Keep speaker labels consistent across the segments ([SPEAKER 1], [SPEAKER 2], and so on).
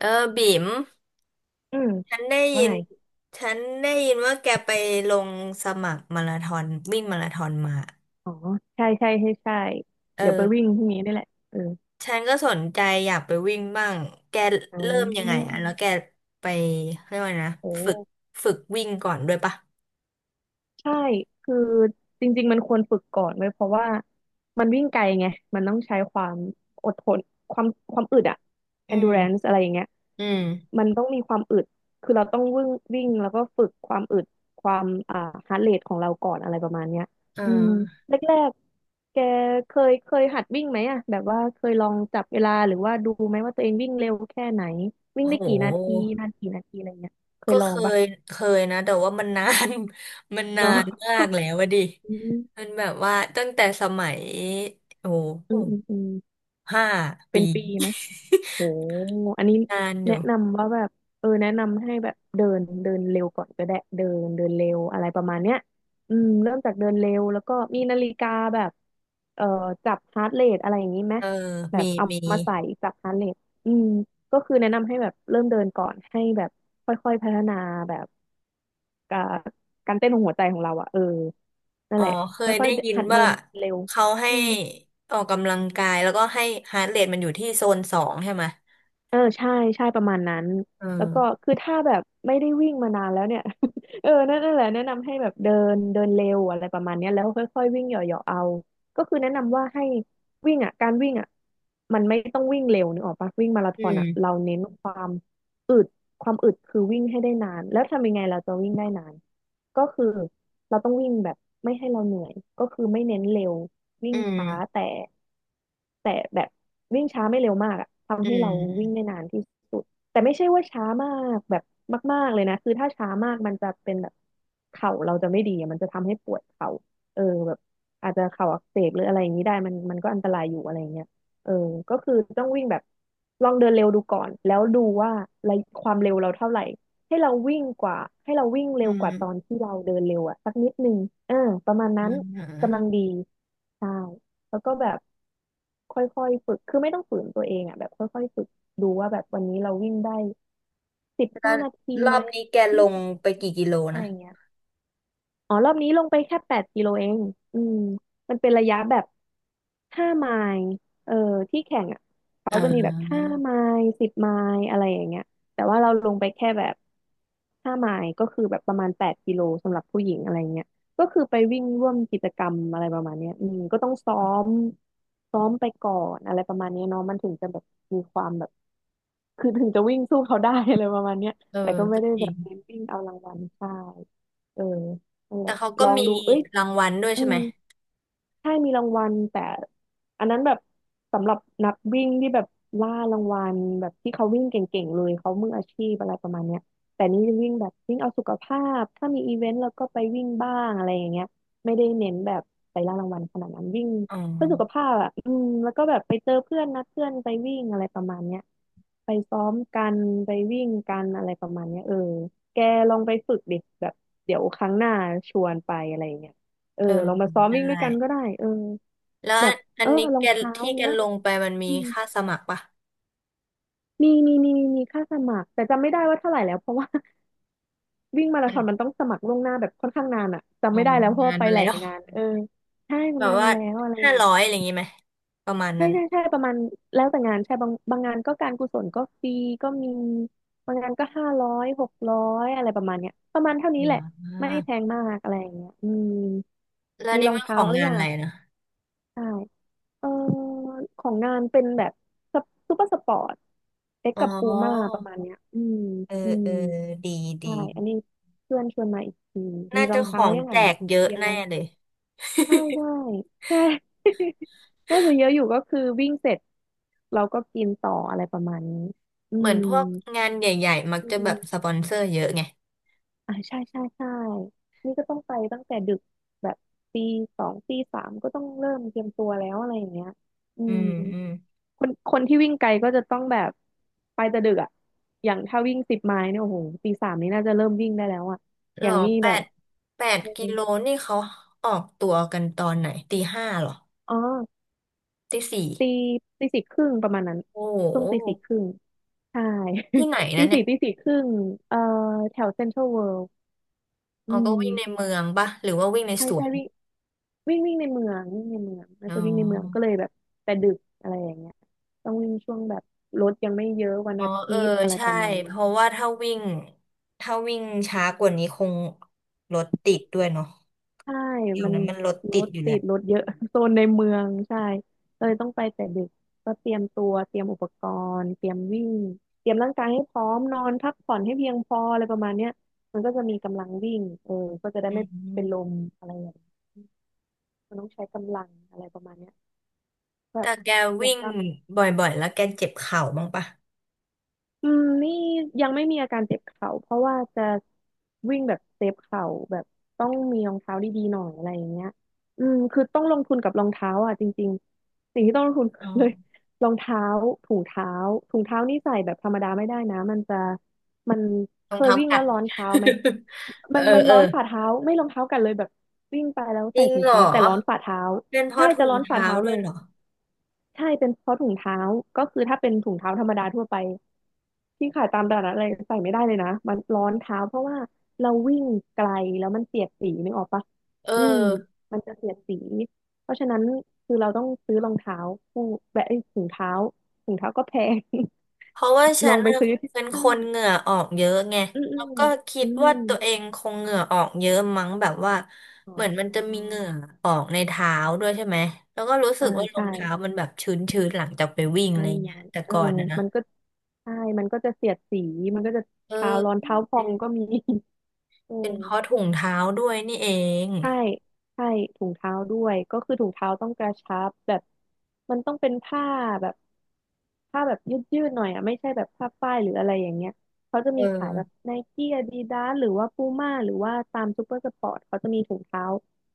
[SPEAKER 1] เออบิ๋ม
[SPEAKER 2] อืม
[SPEAKER 1] ฉันได้ยิ
[SPEAKER 2] ว่า
[SPEAKER 1] น
[SPEAKER 2] ไง
[SPEAKER 1] ฉันได้ยินว่าแกไปลงสมัครมาราธอนวิ่งมาราธอนมา
[SPEAKER 2] อ๋อใช่ใช่ใช่ใช่เดี๋ยวไป
[SPEAKER 1] เออ
[SPEAKER 2] วิ่งพรุ่งนี้ได้แหละเออ
[SPEAKER 1] ฉันก็สนใจอยากไปวิ่งบ้างแก
[SPEAKER 2] อ่
[SPEAKER 1] เริ่มยังไง
[SPEAKER 2] า
[SPEAKER 1] อ่ะแล้วแกไปเรียกว่าไงนะ
[SPEAKER 2] โอ้
[SPEAKER 1] ฝึกฝึกวิ่งก่อนด้วยปะ
[SPEAKER 2] ใช่ คือจริงๆมันควรฝึกก่อนไว้ยเพราะว่ามันวิ่งไกลไง มันต้องใช้ความอดทนความความอึดอะ
[SPEAKER 1] อืม
[SPEAKER 2] endurance อะไรอย่างเงี้ย
[SPEAKER 1] อืม
[SPEAKER 2] มันต้องมีความอึด คือเราต้องวิ่งวิ่งแล้วก็ฝึกความอึดความheart rate ของเราก่อนอะไรประมาณเนี้ย
[SPEAKER 1] เอ
[SPEAKER 2] อืม
[SPEAKER 1] อ
[SPEAKER 2] แรกๆแกเคยหัดวิ่งไหมอะแบบว่าเคยลองจับเวลาหรือว่าดูไหมว่าตัวเองวิ่งเร็วแค่ไหนวิ่ง
[SPEAKER 1] โอ้
[SPEAKER 2] ได้
[SPEAKER 1] โห
[SPEAKER 2] กี่นาทีนานกี่นาทีอะไรเงี้ยเค
[SPEAKER 1] ก็
[SPEAKER 2] ยลองปะ
[SPEAKER 1] ยเคยนะแต่ว่ามันนาน มันนา
[SPEAKER 2] เนาะ
[SPEAKER 1] นมากแล้วอะดิ
[SPEAKER 2] อืม
[SPEAKER 1] มันแบบว่าตั้งแต่สมัยโอ้โห
[SPEAKER 2] อืมอืม
[SPEAKER 1] ห้า
[SPEAKER 2] เป็
[SPEAKER 1] ปี
[SPEAKER 2] นปีไหมโหอันนี้
[SPEAKER 1] นานอ
[SPEAKER 2] แนะ
[SPEAKER 1] ยู่
[SPEAKER 2] นำว่าแบบเออแนะนำให้แบบเดินเดินเร็วก่อนก็ได้เดินเดินเร็วอะไรประมาณเนี้ยอืมเริ่มจากเดินเร็วแล้วก็มีนาฬิกาแบบเอ่อจับฮาร์ทเรทอะไรอย่างนี้ไหม
[SPEAKER 1] เออ
[SPEAKER 2] แบ
[SPEAKER 1] มี
[SPEAKER 2] บเอา
[SPEAKER 1] มี
[SPEAKER 2] มาใส่จับฮาร์ทเรทอืมก็คือแนะนำให้แบบเริ่มเดินก่อนให้แบบค่อยๆพัฒนาแบบการการเต้นของหัวใจของเราอะเออนั่
[SPEAKER 1] อ๋
[SPEAKER 2] น
[SPEAKER 1] อ
[SPEAKER 2] แหละ
[SPEAKER 1] เคย
[SPEAKER 2] ค่อ
[SPEAKER 1] ได้
[SPEAKER 2] ย
[SPEAKER 1] ยิน
[SPEAKER 2] ๆหัดเดิ
[SPEAKER 1] ว่า
[SPEAKER 2] นเร็ว
[SPEAKER 1] เขาให้
[SPEAKER 2] อืม
[SPEAKER 1] ออกกำลังกายแล้วก็ให้ฮาร์ทเรทมันอยู่ที่โซน 2ใช่ไหม
[SPEAKER 2] เออใช่ใช่ประมาณนั้น
[SPEAKER 1] เอ
[SPEAKER 2] แล้วก็
[SPEAKER 1] อ
[SPEAKER 2] คือถ้าแบบไม่ได้วิ่งมานานแล้วเนี่ย เออนั่นแหละแนะนำให้แบบเดินเดินเร็วอะไรประมาณเนี้ยแล้วค่อยๆวิ่งเหยาะๆเอาก็คือแนะนำว่าให้วิ่งอ่ะการวิ่งอ่ะมันไม่ต้องวิ่งเร็วนึกออกปะวิ่งมาราธ
[SPEAKER 1] อื
[SPEAKER 2] อน
[SPEAKER 1] ม
[SPEAKER 2] อ่ะเราเน้นความอึดความอึดคือวิ่งให้ได้นานแล้วทำยังไงเราจะวิ่งได้นานก็คือ เราต้องวิ่งแบบไม่ให้เราเหนื่อยก็คือไม่เน้นเร็ววิ่
[SPEAKER 1] อื
[SPEAKER 2] ง
[SPEAKER 1] ม
[SPEAKER 2] ช้าแต่แต่แบบวิ่งช้าไม่เร็วมากอะ
[SPEAKER 1] อื
[SPEAKER 2] ทำให้เราวิ่ง
[SPEAKER 1] ม
[SPEAKER 2] ได้นานที่สุดแต่ไม่ใช่ว่าช้ามากแบบมากๆเลยนะคือถ้าช้ามากมันจะเป็นแบบเข่าเราจะไม่ดีอะมันจะทำให้ปวดเข่าเออแบบอาจจะเข่าอักเสบหรืออะไรอย่างนี้ได้มันมันก็อันตรายอยู่อะไรอย่างเงี้ยเออก็คือต้องวิ่งแบบลองเดินเร็วดูก่อนแล้วดูว่าระยะความเร็วเราเท่าไหร่ ให้เราวิ่งกว่าให้เราวิ่งเร็
[SPEAKER 1] อื
[SPEAKER 2] วกว่าตอน
[SPEAKER 1] ม
[SPEAKER 2] ที่เราเดินเร็วอะสักนิดนึงเออประมาณ
[SPEAKER 1] อื
[SPEAKER 2] นั้น
[SPEAKER 1] มอื
[SPEAKER 2] กำลัง
[SPEAKER 1] ม
[SPEAKER 2] ดีใช่แล้วก็แบบค่อยๆฝึกคือไม่ต้องฝืนตัวเองอะแบบค่อยๆฝึกดูว่าแบบวันนี้เราวิ่งได้สิบ
[SPEAKER 1] แล้ว
[SPEAKER 2] ห้านาที
[SPEAKER 1] รอ
[SPEAKER 2] ไหม
[SPEAKER 1] บนี้แกล
[SPEAKER 2] ยี่
[SPEAKER 1] ง
[SPEAKER 2] สิบ
[SPEAKER 1] ไปกี่กิโล
[SPEAKER 2] อะไร
[SPEAKER 1] นะ
[SPEAKER 2] เงี้ย อ๋อรอบนี้ลงไปแค่แปดกิโลเองอืมมันเป็นระยะแบบห้าไมล์เออที่แข่งอ่ะเขา
[SPEAKER 1] อ่
[SPEAKER 2] จะมีแบบห้า
[SPEAKER 1] า
[SPEAKER 2] ไมล์10 ไมล์อะไรอย่างเงี้ยแต่ว่าเราลงไปแค่แบบห้าไมล์ก็คือแบบประมาณแปดกิโลสำหรับผู้หญิงอะไรเงี้ยก็คือไปวิ่งร่วมกิจกรรมอะไรประมาณเนี้ยอืมก็ต้องมซ้อมไปก่อนอะไรประมาณเนี้ยเนาะมันถึงจะแบบมีความแบบคือถึงจะวิ่งสู้เขาได้ อะไรประมาณเนี้ย
[SPEAKER 1] เออ
[SPEAKER 2] แต่ก็ไม่
[SPEAKER 1] ก็
[SPEAKER 2] ได้
[SPEAKER 1] จ
[SPEAKER 2] แบ
[SPEAKER 1] ริง
[SPEAKER 2] บเน้นวิ่งเอารางวัลใช่เออ นั่นแห
[SPEAKER 1] แต่
[SPEAKER 2] ละ
[SPEAKER 1] เขาก็
[SPEAKER 2] ลอง
[SPEAKER 1] มี
[SPEAKER 2] ดูเอ้ย
[SPEAKER 1] รางวัลด้วย
[SPEAKER 2] อื
[SPEAKER 1] ใช่ไหม
[SPEAKER 2] ม ใช่มีรางวัลแต่อันนั้นแบบสำหรับนักวิ่งที่แบบล่ารางวัลแบบที่เขาวิ่งเก่งๆเลยเขามืออาชีพอะไรประมาณเนี้ยแต่นี่วิ่งแบบวิ่งเอาสุขภาพถ้ามีอีเวนต์แล้วก็ไปวิ่งบ้างอะไรอย่างเงี้ยไม่ได้เน้นแบบไปล่ารางวัลขนาดนั้นวิ่ง
[SPEAKER 1] อ๋อ
[SPEAKER 2] เพื่อสุขภาพอ่ะอืมแล้วก็แบบไปเจอเพื่อนนัดเพื่อนไปวิ่งอะไรประมาณเนี้ยไปซ้อมกันไปวิ่งกันอะไรประมาณเนี้ยเออแกลองไปฝึกดิแบบเดี๋ยวครั้งหน้าชวนไปอะไรอย่างเงี้ย เออ
[SPEAKER 1] เออ
[SPEAKER 2] ลองมาซ้อม
[SPEAKER 1] ได้
[SPEAKER 2] วิ่งด้วยกันก็ได้เออ
[SPEAKER 1] แล้ว
[SPEAKER 2] แบบ
[SPEAKER 1] อั
[SPEAKER 2] เอ
[SPEAKER 1] น
[SPEAKER 2] อ
[SPEAKER 1] นี้
[SPEAKER 2] รอ
[SPEAKER 1] แก
[SPEAKER 2] งเท้า
[SPEAKER 1] ที่แก
[SPEAKER 2] เนื้อ
[SPEAKER 1] ลงไปมันมี
[SPEAKER 2] อืม
[SPEAKER 1] ค่าสมัครปะ
[SPEAKER 2] มีมีมีมีค่าสมัครแต่จำไม่ได้ว่าเท่าไหร่แล้วเพราะว่า วิ่งมารา
[SPEAKER 1] มั
[SPEAKER 2] ธ
[SPEAKER 1] น
[SPEAKER 2] อนมันต้องสมัครล่วงหน้าแบบค่อนข้างนานอะจำ
[SPEAKER 1] อ๋อ
[SPEAKER 2] ไม่ได้แล้
[SPEAKER 1] มั
[SPEAKER 2] ว
[SPEAKER 1] น
[SPEAKER 2] เพราะ
[SPEAKER 1] งา
[SPEAKER 2] ว่า
[SPEAKER 1] น
[SPEAKER 2] ไป
[SPEAKER 1] มา
[SPEAKER 2] ห
[SPEAKER 1] แล้
[SPEAKER 2] ลาย
[SPEAKER 1] ว
[SPEAKER 2] งานเออใช่มั
[SPEAKER 1] แบ
[SPEAKER 2] น
[SPEAKER 1] บ
[SPEAKER 2] นาน
[SPEAKER 1] ว่า
[SPEAKER 2] มาแล้วอะไร
[SPEAKER 1] ห้า
[SPEAKER 2] อย่าง
[SPEAKER 1] ร้อยอะ
[SPEAKER 2] นี้
[SPEAKER 1] ไรอย่างงี้ไหมประมาณ
[SPEAKER 2] ใช่
[SPEAKER 1] นั้น
[SPEAKER 2] ใช่ใช่ประมาณแล้วแต่งานใช่บางงานก็การกุศลก็ฟรีก็มีบางงานก็500600อะไรประมาณเนี้ยประมาณเท่านี้
[SPEAKER 1] อ่
[SPEAKER 2] แหละไม่
[SPEAKER 1] า
[SPEAKER 2] แพงมากอะไรอย่างเงี้ยอืม
[SPEAKER 1] แล้ว
[SPEAKER 2] มี
[SPEAKER 1] นี่
[SPEAKER 2] รอง
[SPEAKER 1] มันข
[SPEAKER 2] เท้า
[SPEAKER 1] อง
[SPEAKER 2] หรื
[SPEAKER 1] งา
[SPEAKER 2] อ
[SPEAKER 1] น
[SPEAKER 2] ยัง
[SPEAKER 1] อะไร
[SPEAKER 2] อะ
[SPEAKER 1] นะ
[SPEAKER 2] ใช่ เออของนานเป็นแบบซูเปอร์สปอร์ตเอ็ก
[SPEAKER 1] อ๋อ
[SPEAKER 2] กับปูม่าประมาณเนี้ยอืม
[SPEAKER 1] เออ
[SPEAKER 2] อืม
[SPEAKER 1] เออดีดี
[SPEAKER 2] ใช่อันนี้เพื่อนชวนมาอีกทีมี
[SPEAKER 1] น่า
[SPEAKER 2] ร
[SPEAKER 1] จะ
[SPEAKER 2] อง
[SPEAKER 1] ข
[SPEAKER 2] เท้า
[SPEAKER 1] อง
[SPEAKER 2] ยัง
[SPEAKER 1] แจ
[SPEAKER 2] อ่ะแบ
[SPEAKER 1] ก
[SPEAKER 2] บ
[SPEAKER 1] เยอะ
[SPEAKER 2] เตรียม
[SPEAKER 1] แน่
[SPEAKER 2] รอง
[SPEAKER 1] เล
[SPEAKER 2] เท้า
[SPEAKER 1] ย
[SPEAKER 2] ใช่ได้ ใช่ น่าจะเยอะอยู่ก็คือวิ่งเสร็จเราก็กินต่ออะไรประมาณนี้อื
[SPEAKER 1] เหมือน
[SPEAKER 2] ม
[SPEAKER 1] พวกงานใหญ่ๆมัก
[SPEAKER 2] อืม
[SPEAKER 1] จะ
[SPEAKER 2] อ
[SPEAKER 1] แบ
[SPEAKER 2] ม
[SPEAKER 1] บสปอนเซอร์เยอะไง
[SPEAKER 2] อ่าใช่ใช่ใช่นี่ก็ต้องไปตั้งแต่ดึกแบบตีสองตีสามก็ต้องเริ่มเตรียมตัวแล้วอะไรอย่างเงี้ยอื
[SPEAKER 1] อื
[SPEAKER 2] ม
[SPEAKER 1] มอืม
[SPEAKER 2] คนคนที่วิ่งไกลก็จะต้องแบบไปแต่ดึกอ่ะอย่างถ้าวิ่ง10 ไมล์เนี่ยโอ้โหตีสามนี่น่าจะเริ่มวิ่งได้แล้วอ่ะ
[SPEAKER 1] ห
[SPEAKER 2] อ
[SPEAKER 1] ร
[SPEAKER 2] ย่า
[SPEAKER 1] อ
[SPEAKER 2] งนี้
[SPEAKER 1] แป
[SPEAKER 2] แบบ
[SPEAKER 1] ดแปด
[SPEAKER 2] อ
[SPEAKER 1] กิ
[SPEAKER 2] ม
[SPEAKER 1] โลนี่เขาออกตัวกันตอนไหนตีห้าหรอ
[SPEAKER 2] อ๋อ
[SPEAKER 1] ตีสี่
[SPEAKER 2] ตีตีสี่ครึ่งประมาณนั้น
[SPEAKER 1] โอ้โ
[SPEAKER 2] ช่วงตีสี่
[SPEAKER 1] ห
[SPEAKER 2] ครึ่งใช่
[SPEAKER 1] ที่ไหน
[SPEAKER 2] ตี
[SPEAKER 1] นะเนี่ย
[SPEAKER 2] สี่ตีสี่ครึ่งเอ่อแถวเซ็นทรัลเวิลด์อื
[SPEAKER 1] อ๋อก็วิ่งใน
[SPEAKER 2] ม
[SPEAKER 1] เมืองปะหรือว่าวิ่งใน
[SPEAKER 2] ใช่
[SPEAKER 1] สว
[SPEAKER 2] ใช่
[SPEAKER 1] น
[SPEAKER 2] วิ่งวิ่งวิ่งในเมืองวิ่งในเมืองน่า
[SPEAKER 1] อ๋
[SPEAKER 2] จะวิ่งในเมืองก็เล
[SPEAKER 1] อ
[SPEAKER 2] ยแบบแต่ดึกอะไรอย่างเงี้ยต้องวิ่งช่วงแบบรถยังไม่เยอะวัน
[SPEAKER 1] อ๋อ
[SPEAKER 2] อา
[SPEAKER 1] เอ
[SPEAKER 2] ทิ
[SPEAKER 1] อ
[SPEAKER 2] ตย์อะไรป
[SPEAKER 1] ใช่
[SPEAKER 2] ระมาณ
[SPEAKER 1] เพ
[SPEAKER 2] นี้
[SPEAKER 1] ราะว่าถ้าวิ่งช้ากว่านี้คงรถติดด้วยเนาะ
[SPEAKER 2] ใช่
[SPEAKER 1] เดี๋ยว
[SPEAKER 2] มัน
[SPEAKER 1] นั้นมันรถ
[SPEAKER 2] ร
[SPEAKER 1] ติด
[SPEAKER 2] ถ
[SPEAKER 1] อยู่แห
[SPEAKER 2] ติ
[SPEAKER 1] ละ
[SPEAKER 2] ดรถเยอะ โซนในเมืองใช่เลยต้องไปแต่ดึกก็เตรียมตัวเตรียมอุปกรณ์เตรียมวิ่งเตรียมร่างกายให้พร้อมนอนพักผ่อนให้เพียงพออะไรประมาณเนี้ยมันก็จะมีกำลังวิ่งเออก็จะได้
[SPEAKER 1] อื
[SPEAKER 2] ไม่เป็น
[SPEAKER 1] ม
[SPEAKER 2] ลมอะไรอย่างเงี้ยมันต้องใช้กำลังอะไรประมาณเนี้ยแบ
[SPEAKER 1] แต่
[SPEAKER 2] บ
[SPEAKER 1] แก
[SPEAKER 2] ต้องเตรีย
[SPEAKER 1] วิ่
[SPEAKER 2] ม
[SPEAKER 1] ง
[SPEAKER 2] กล้ามเนื้อ
[SPEAKER 1] บ่อยๆแล้วแกเจ็บเข่าบ้างปะ
[SPEAKER 2] อืมนี่ยังไม่มีอาการเจ็บเข่าเพราะว่าจะวิ่งแบบเซฟเข่าแบบต้องมีรองเท้าดีๆหน่อยอะไรอย่างเงี้ยอืมคือต้องลงทุนกับรองเท้าอ่ะจริงๆสิ่งที่ต้องลงทุน
[SPEAKER 1] อ๋
[SPEAKER 2] คือเลย
[SPEAKER 1] อ
[SPEAKER 2] รองเท้าถุงเท้าถุงเท้านี่ใส่แบบธรรมดาไม่ได้นะมัน
[SPEAKER 1] ร
[SPEAKER 2] เค
[SPEAKER 1] อง
[SPEAKER 2] ย
[SPEAKER 1] เท้า
[SPEAKER 2] วิ่ง
[SPEAKER 1] กั
[SPEAKER 2] แล้
[SPEAKER 1] ด
[SPEAKER 2] วร้อนเท้าไหม
[SPEAKER 1] เอ
[SPEAKER 2] มั
[SPEAKER 1] อ
[SPEAKER 2] นมัน
[SPEAKER 1] เอ
[SPEAKER 2] ร้
[SPEAKER 1] อ
[SPEAKER 2] อนฝ่าเท้าไม่รองเท้ากันเลยแบบวิ่งไปแล้ว
[SPEAKER 1] จ
[SPEAKER 2] ใส่
[SPEAKER 1] ริง
[SPEAKER 2] ถุง
[SPEAKER 1] เหรอ
[SPEAKER 2] เท้าแต่ร้อนฝ่าเท้า
[SPEAKER 1] เป็นเพ
[SPEAKER 2] ใช่
[SPEAKER 1] ราะถุ
[SPEAKER 2] จะ
[SPEAKER 1] ง
[SPEAKER 2] ร้อนฝ่า
[SPEAKER 1] เท้า
[SPEAKER 2] เท้า
[SPEAKER 1] ด้
[SPEAKER 2] เล
[SPEAKER 1] วย
[SPEAKER 2] ย
[SPEAKER 1] เหรอ
[SPEAKER 2] ใช่เป็นเพราะถุงเท้าก็คือถ้าเป็นถุงเท้าธรรมดาทั่วไป ที่ขายตามตลาดนัดอะไรใส่ไม่ได้เลยนะมันร้อนเท้าเพราะว่าเราวิ่งไกลแล้วมันเสียดสีนึกออกปะ
[SPEAKER 1] เอ
[SPEAKER 2] อืม
[SPEAKER 1] อ
[SPEAKER 2] มันจะเสียดสีเพราะฉะนั้นคือเราต้องซื้อรองเท้าคู่แบบเอ้ยถุงเท้าถุงเท้าก็แพง
[SPEAKER 1] เพราะว่า ฉั
[SPEAKER 2] ลอ
[SPEAKER 1] น
[SPEAKER 2] งไป
[SPEAKER 1] น่ะ
[SPEAKER 2] ซื้อที่
[SPEAKER 1] เป็นค
[SPEAKER 2] ห้าง
[SPEAKER 1] นเหงื่อออกเยอะไง
[SPEAKER 2] อืมอื
[SPEAKER 1] แล้ว
[SPEAKER 2] ม
[SPEAKER 1] ก็คิ
[SPEAKER 2] อื
[SPEAKER 1] ดว่า
[SPEAKER 2] ม
[SPEAKER 1] ตัวเองคงเหงื่อออกเยอะมั้งแบบว่า
[SPEAKER 2] อ๋
[SPEAKER 1] เหมือนมันจะมี
[SPEAKER 2] อ
[SPEAKER 1] เหงื่อออกในเท้าด้วยใช่ไหมแล้วก็รู้สึ
[SPEAKER 2] อ่า
[SPEAKER 1] กว่ารอ
[SPEAKER 2] ใช่
[SPEAKER 1] งเท้ามันแบบชื้นๆหลังจากไปวิ่งอะ
[SPEAKER 2] ร้อ
[SPEAKER 1] ไร
[SPEAKER 2] นร้
[SPEAKER 1] เงี้
[SPEAKER 2] อ
[SPEAKER 1] ย
[SPEAKER 2] น
[SPEAKER 1] แต่
[SPEAKER 2] เออ
[SPEAKER 1] ก่อนนะ
[SPEAKER 2] มันก็ใช่มันก็จะเสียดสีมันก็จะ
[SPEAKER 1] เออ
[SPEAKER 2] เท้าร้อนเท้าพอ
[SPEAKER 1] เป็
[SPEAKER 2] ง
[SPEAKER 1] น
[SPEAKER 2] ก็มี เออ
[SPEAKER 1] เป็นเพราะถุงเท้าด้วยนี่เอง
[SPEAKER 2] ใช่ใช่ถุงเท้าด้วยก็คือถุงเท้าต้องกระชับแบบมันต้องเป็นผ้าแบบแบบยืดๆหน่อยอ่ะไม่ใช่แบบผ้าฝ้ายหรืออะไรอย่างเงี้ยเขาจะ
[SPEAKER 1] เอ
[SPEAKER 2] มีขายแบบ
[SPEAKER 1] อ
[SPEAKER 2] ไนกี้อาดิดาสหรือว่าปูม่าหรือว่าตามซูเปอร์สปอร์ตเขาจะมีถุงเท้า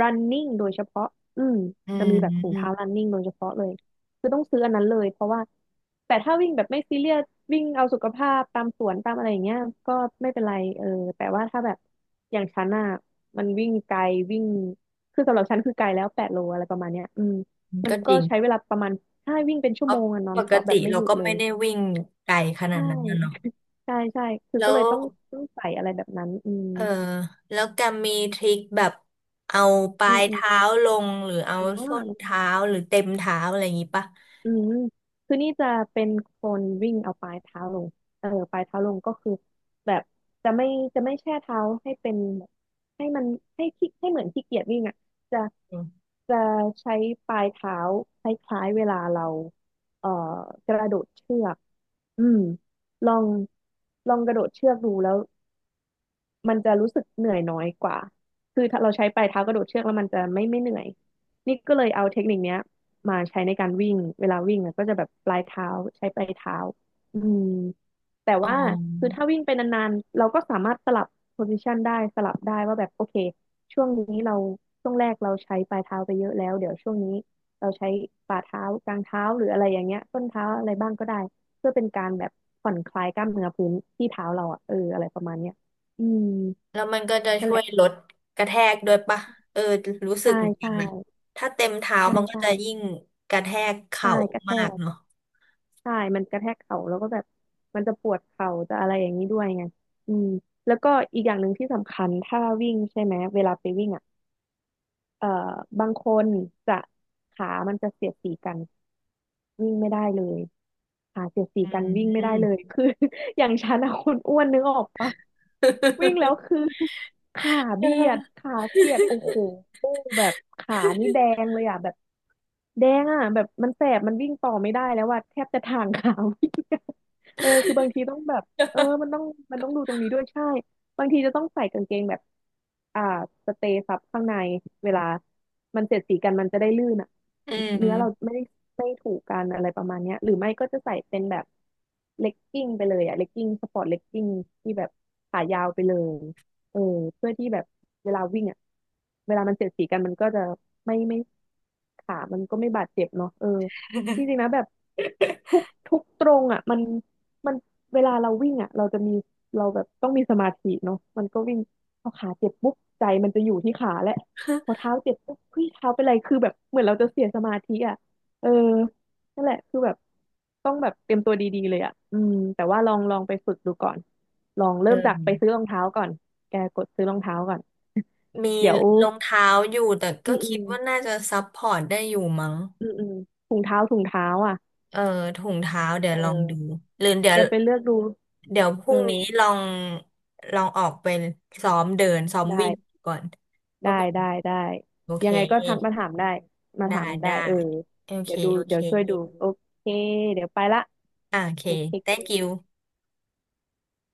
[SPEAKER 2] running โดยเฉพาะอืม
[SPEAKER 1] อื
[SPEAKER 2] จะ
[SPEAKER 1] ม
[SPEAKER 2] มีแบบถุง
[SPEAKER 1] อื
[SPEAKER 2] เท้า running โดยเฉพาะเลยคือต้องซื้ออันนั้นเลยเพราะว่าแต่ถ้าวิ่งแบบไม่ซีเรียสวิ่งเอาสุขภาพตามสวนตามอะไรอย่างเงี้ยก็ไม่เป็นไรเออแต่ว่าถ้าแบบอย่างฉันอ่ะ มันวิ่งไกลวิ่งคือสำหรับฉันคือไกลแล้ว8 โลอะไรประมาณเนี้ยอืม
[SPEAKER 1] ม
[SPEAKER 2] มัน
[SPEAKER 1] ก็จ
[SPEAKER 2] ก็
[SPEAKER 1] ริง
[SPEAKER 2] ใช้เวลาประมาณใช่วิ่งเป็น
[SPEAKER 1] เพ
[SPEAKER 2] ชั่วโม
[SPEAKER 1] ราะ
[SPEAKER 2] งอะนอ
[SPEAKER 1] ป
[SPEAKER 2] นส
[SPEAKER 1] ก
[SPEAKER 2] ต็อปแบ
[SPEAKER 1] ติ
[SPEAKER 2] บไม่
[SPEAKER 1] เรา
[SPEAKER 2] หยุด
[SPEAKER 1] ก็
[SPEAKER 2] เล
[SPEAKER 1] ไม่
[SPEAKER 2] ย
[SPEAKER 1] ได้วิ่งไกลข
[SPEAKER 2] ใ
[SPEAKER 1] นาดนั้นนะเนาะ
[SPEAKER 2] ช่ใช่ใช่คือ
[SPEAKER 1] แล้
[SPEAKER 2] ก็เล
[SPEAKER 1] ว
[SPEAKER 2] ยต้องใส่อะไรแบบนั้นอืม
[SPEAKER 1] เออแล้วแกมีทริคแบบเอาปลา
[SPEAKER 2] อืม
[SPEAKER 1] ย
[SPEAKER 2] อืม
[SPEAKER 1] เท้าลงหรือเอา
[SPEAKER 2] อ๋
[SPEAKER 1] ส้น
[SPEAKER 2] อ
[SPEAKER 1] เท้าหรือเต็มเท้าอะไรอย่างงี้ปะ
[SPEAKER 2] อืมคือนี่จะเป็นคนวิ่งเอาปลายเท้าลงเออปลายเท้าลงก็คือแบบจะไม่จะไม่แช่เท้าให้เป็นแบบให้มันให้ขี้ให้เหมือนขี้เกียจวิ่งอ่ะจะ
[SPEAKER 1] อืม
[SPEAKER 2] จะใช้ปลายเท้าคล้ายๆเวลาเราเอ่อกระโดดเชือกอืมลองลองกระโดดเชือกดูแล้ว มันจะรู้สึกเหนื่อยน้อยกว่า คือถ้าเราใช้ปลายเท้ากระโดดเชือกแล้วมันจะไม่เหนื่อย นี่ก็เลยเอาเทคนิคเนี้ยมาใช้ในการวิ่งเวลาวิ่งอะก็จะแบบปลายเท้าใช้ปลายเท้าอืมแต่
[SPEAKER 1] อ๋อ
[SPEAKER 2] ว่าคือถ้าวิ่งไปนานๆเราก็สามารถสลับโพซิชันได้สลับได้ว่าแบบโอเคช่วงนี้เราช่วงแรกเราใช้ปลายเท้าไปเยอะแล้วเดี๋ยวช่วงนี้เราใช้ฝ่าเท้ากลางเท้าหรืออะไรอย่างเงี้ยต้นเท้าอะไรบ้างก็ได้เพื่อเป็นการแบบผ่อนคลายกล้ามเนื้อพื้นที่เท้าเราอ่ะเอออะไรประมาณเนี้ยอืม
[SPEAKER 1] แล้วมันก็จะ
[SPEAKER 2] นั่น
[SPEAKER 1] ช่
[SPEAKER 2] แห
[SPEAKER 1] วย
[SPEAKER 2] ละ
[SPEAKER 1] ลดกระแทกด้วยปะเออรู้สึ
[SPEAKER 2] ใช่
[SPEAKER 1] กเหมือนกั
[SPEAKER 2] ใช่
[SPEAKER 1] นนะถ้าเต็มเท้า
[SPEAKER 2] ใช่
[SPEAKER 1] มันก็
[SPEAKER 2] ใช่
[SPEAKER 1] จะยิ่งกระแทก
[SPEAKER 2] ใช่
[SPEAKER 1] เข่า
[SPEAKER 2] กระแท
[SPEAKER 1] มากเนาะ
[SPEAKER 2] กใช่มันกระแทกเข่าแล้วก็แบบมันจะปวดเข่าจะอะไรอย่างนี้ด้วยไงอืมแล้วก็อีกอย่างหนึ่งที่สำคัญถ้าวิ่งใช่ไหมเวลาไปวิ่งอ่ะเอ่อบางคนจะขามันจะเสียดสีกันวิ่งไม่ได้เลยขาเสียดสี
[SPEAKER 1] อื
[SPEAKER 2] กันวิ่งไม่ได้
[SPEAKER 1] ม
[SPEAKER 2] เลยคือ อย่างฉันอะคนอ้วนนึกออกปะ วิ่งแล้วคือ ขาเบียดขาเสียดโอ้โหแบบขานี่แดงเลยอ่ะแบบแดงอ่ะแบบมันแสบมันวิ่งต่อไม่ได้แล้วว่าแทบจะทางขา วิ่ง เออคือบางทีต้องแบบเออมันต้องดูตรงนี้ด้วยใช่ บางทีจะต้องใส่กางเกงแบบอ่าสเตย์ซับข้างในเวลามันเสียดสีกันมันจะได้ลื่นอ่ะ
[SPEAKER 1] อืม
[SPEAKER 2] เนื้อเราไม่ได้ไม่ถูกกันอะไรประมาณเนี้ยหรือไม่ก็จะใส่เป็นแบบเลกกิ้งไปเลยอ่ะเลกกิ้งสปอร์ตเลกกิ้งที่แบบขายาวไปเลยเออเพื่อที่แบบเวลาวิ่งอ่ะเวลามันเสียดสีกันมันก็จะไม่ขามันก็ไม่บาดเจ็บเนาะเออจริงๆ นะแบบทุกตรงอ่ะมันมันเวลาเราวิ่งอ่ะเราจะมี เราแบบต้องมีสมาธิเนาะมันก็วิ่งพอขาเจ็บปุ๊บใจมันจะอยู่ที่ขาแหละพอเท้าเจ็บปุ๊บเฮ้ยเท้าเป็นไรคือแบบเหมือนเราจะเสียสมาธิอ่ะเออนั่นแหละคือแบบต้องแบบเตรียมตัวดีๆเลยอ่ะอืมแต่ว่าลองลองไปฝึกดูก่อนลอง
[SPEAKER 1] เอ
[SPEAKER 2] เริ่มจากไปซื้อ
[SPEAKER 1] อ
[SPEAKER 2] รองเท้าก่อนแกกดซื้อรองเท้าก่อน
[SPEAKER 1] มี
[SPEAKER 2] เดี๋ยว
[SPEAKER 1] รองเท้าอยู่แต่
[SPEAKER 2] อื
[SPEAKER 1] ก็
[SPEAKER 2] มอื
[SPEAKER 1] คิด
[SPEAKER 2] ม
[SPEAKER 1] ว่าน่าจะซัพพอร์ตได้อยู่มั้ง
[SPEAKER 2] อืมอืมถุงเท้าถุงเท้าอ่ะ
[SPEAKER 1] เออถุงเท้าเดี๋ยว
[SPEAKER 2] เอ
[SPEAKER 1] ลองดู
[SPEAKER 2] อ
[SPEAKER 1] หรือเดี๋ย
[SPEAKER 2] แก
[SPEAKER 1] ว
[SPEAKER 2] ไปเลือกดู
[SPEAKER 1] เดี๋ยวพ
[SPEAKER 2] เอ
[SPEAKER 1] รุ่
[SPEAKER 2] อ
[SPEAKER 1] งนี้ลองออกไปซ้อมเดินซ้อมวิ่ง
[SPEAKER 2] ได้
[SPEAKER 1] ก่อนก็
[SPEAKER 2] ได้
[SPEAKER 1] เป็น
[SPEAKER 2] ได้ได้
[SPEAKER 1] โอเค
[SPEAKER 2] ยังไงก็ทักมาถามได้มา
[SPEAKER 1] ได้
[SPEAKER 2] ถามได้
[SPEAKER 1] ได้
[SPEAKER 2] เออ
[SPEAKER 1] โอเค
[SPEAKER 2] เดี๋ยวดู
[SPEAKER 1] โอเค
[SPEAKER 2] เดี๋ยวช่วยดูโอเคเดี๋ยวไปละ
[SPEAKER 1] อ่าโอเค
[SPEAKER 2] เค้ก
[SPEAKER 1] thank you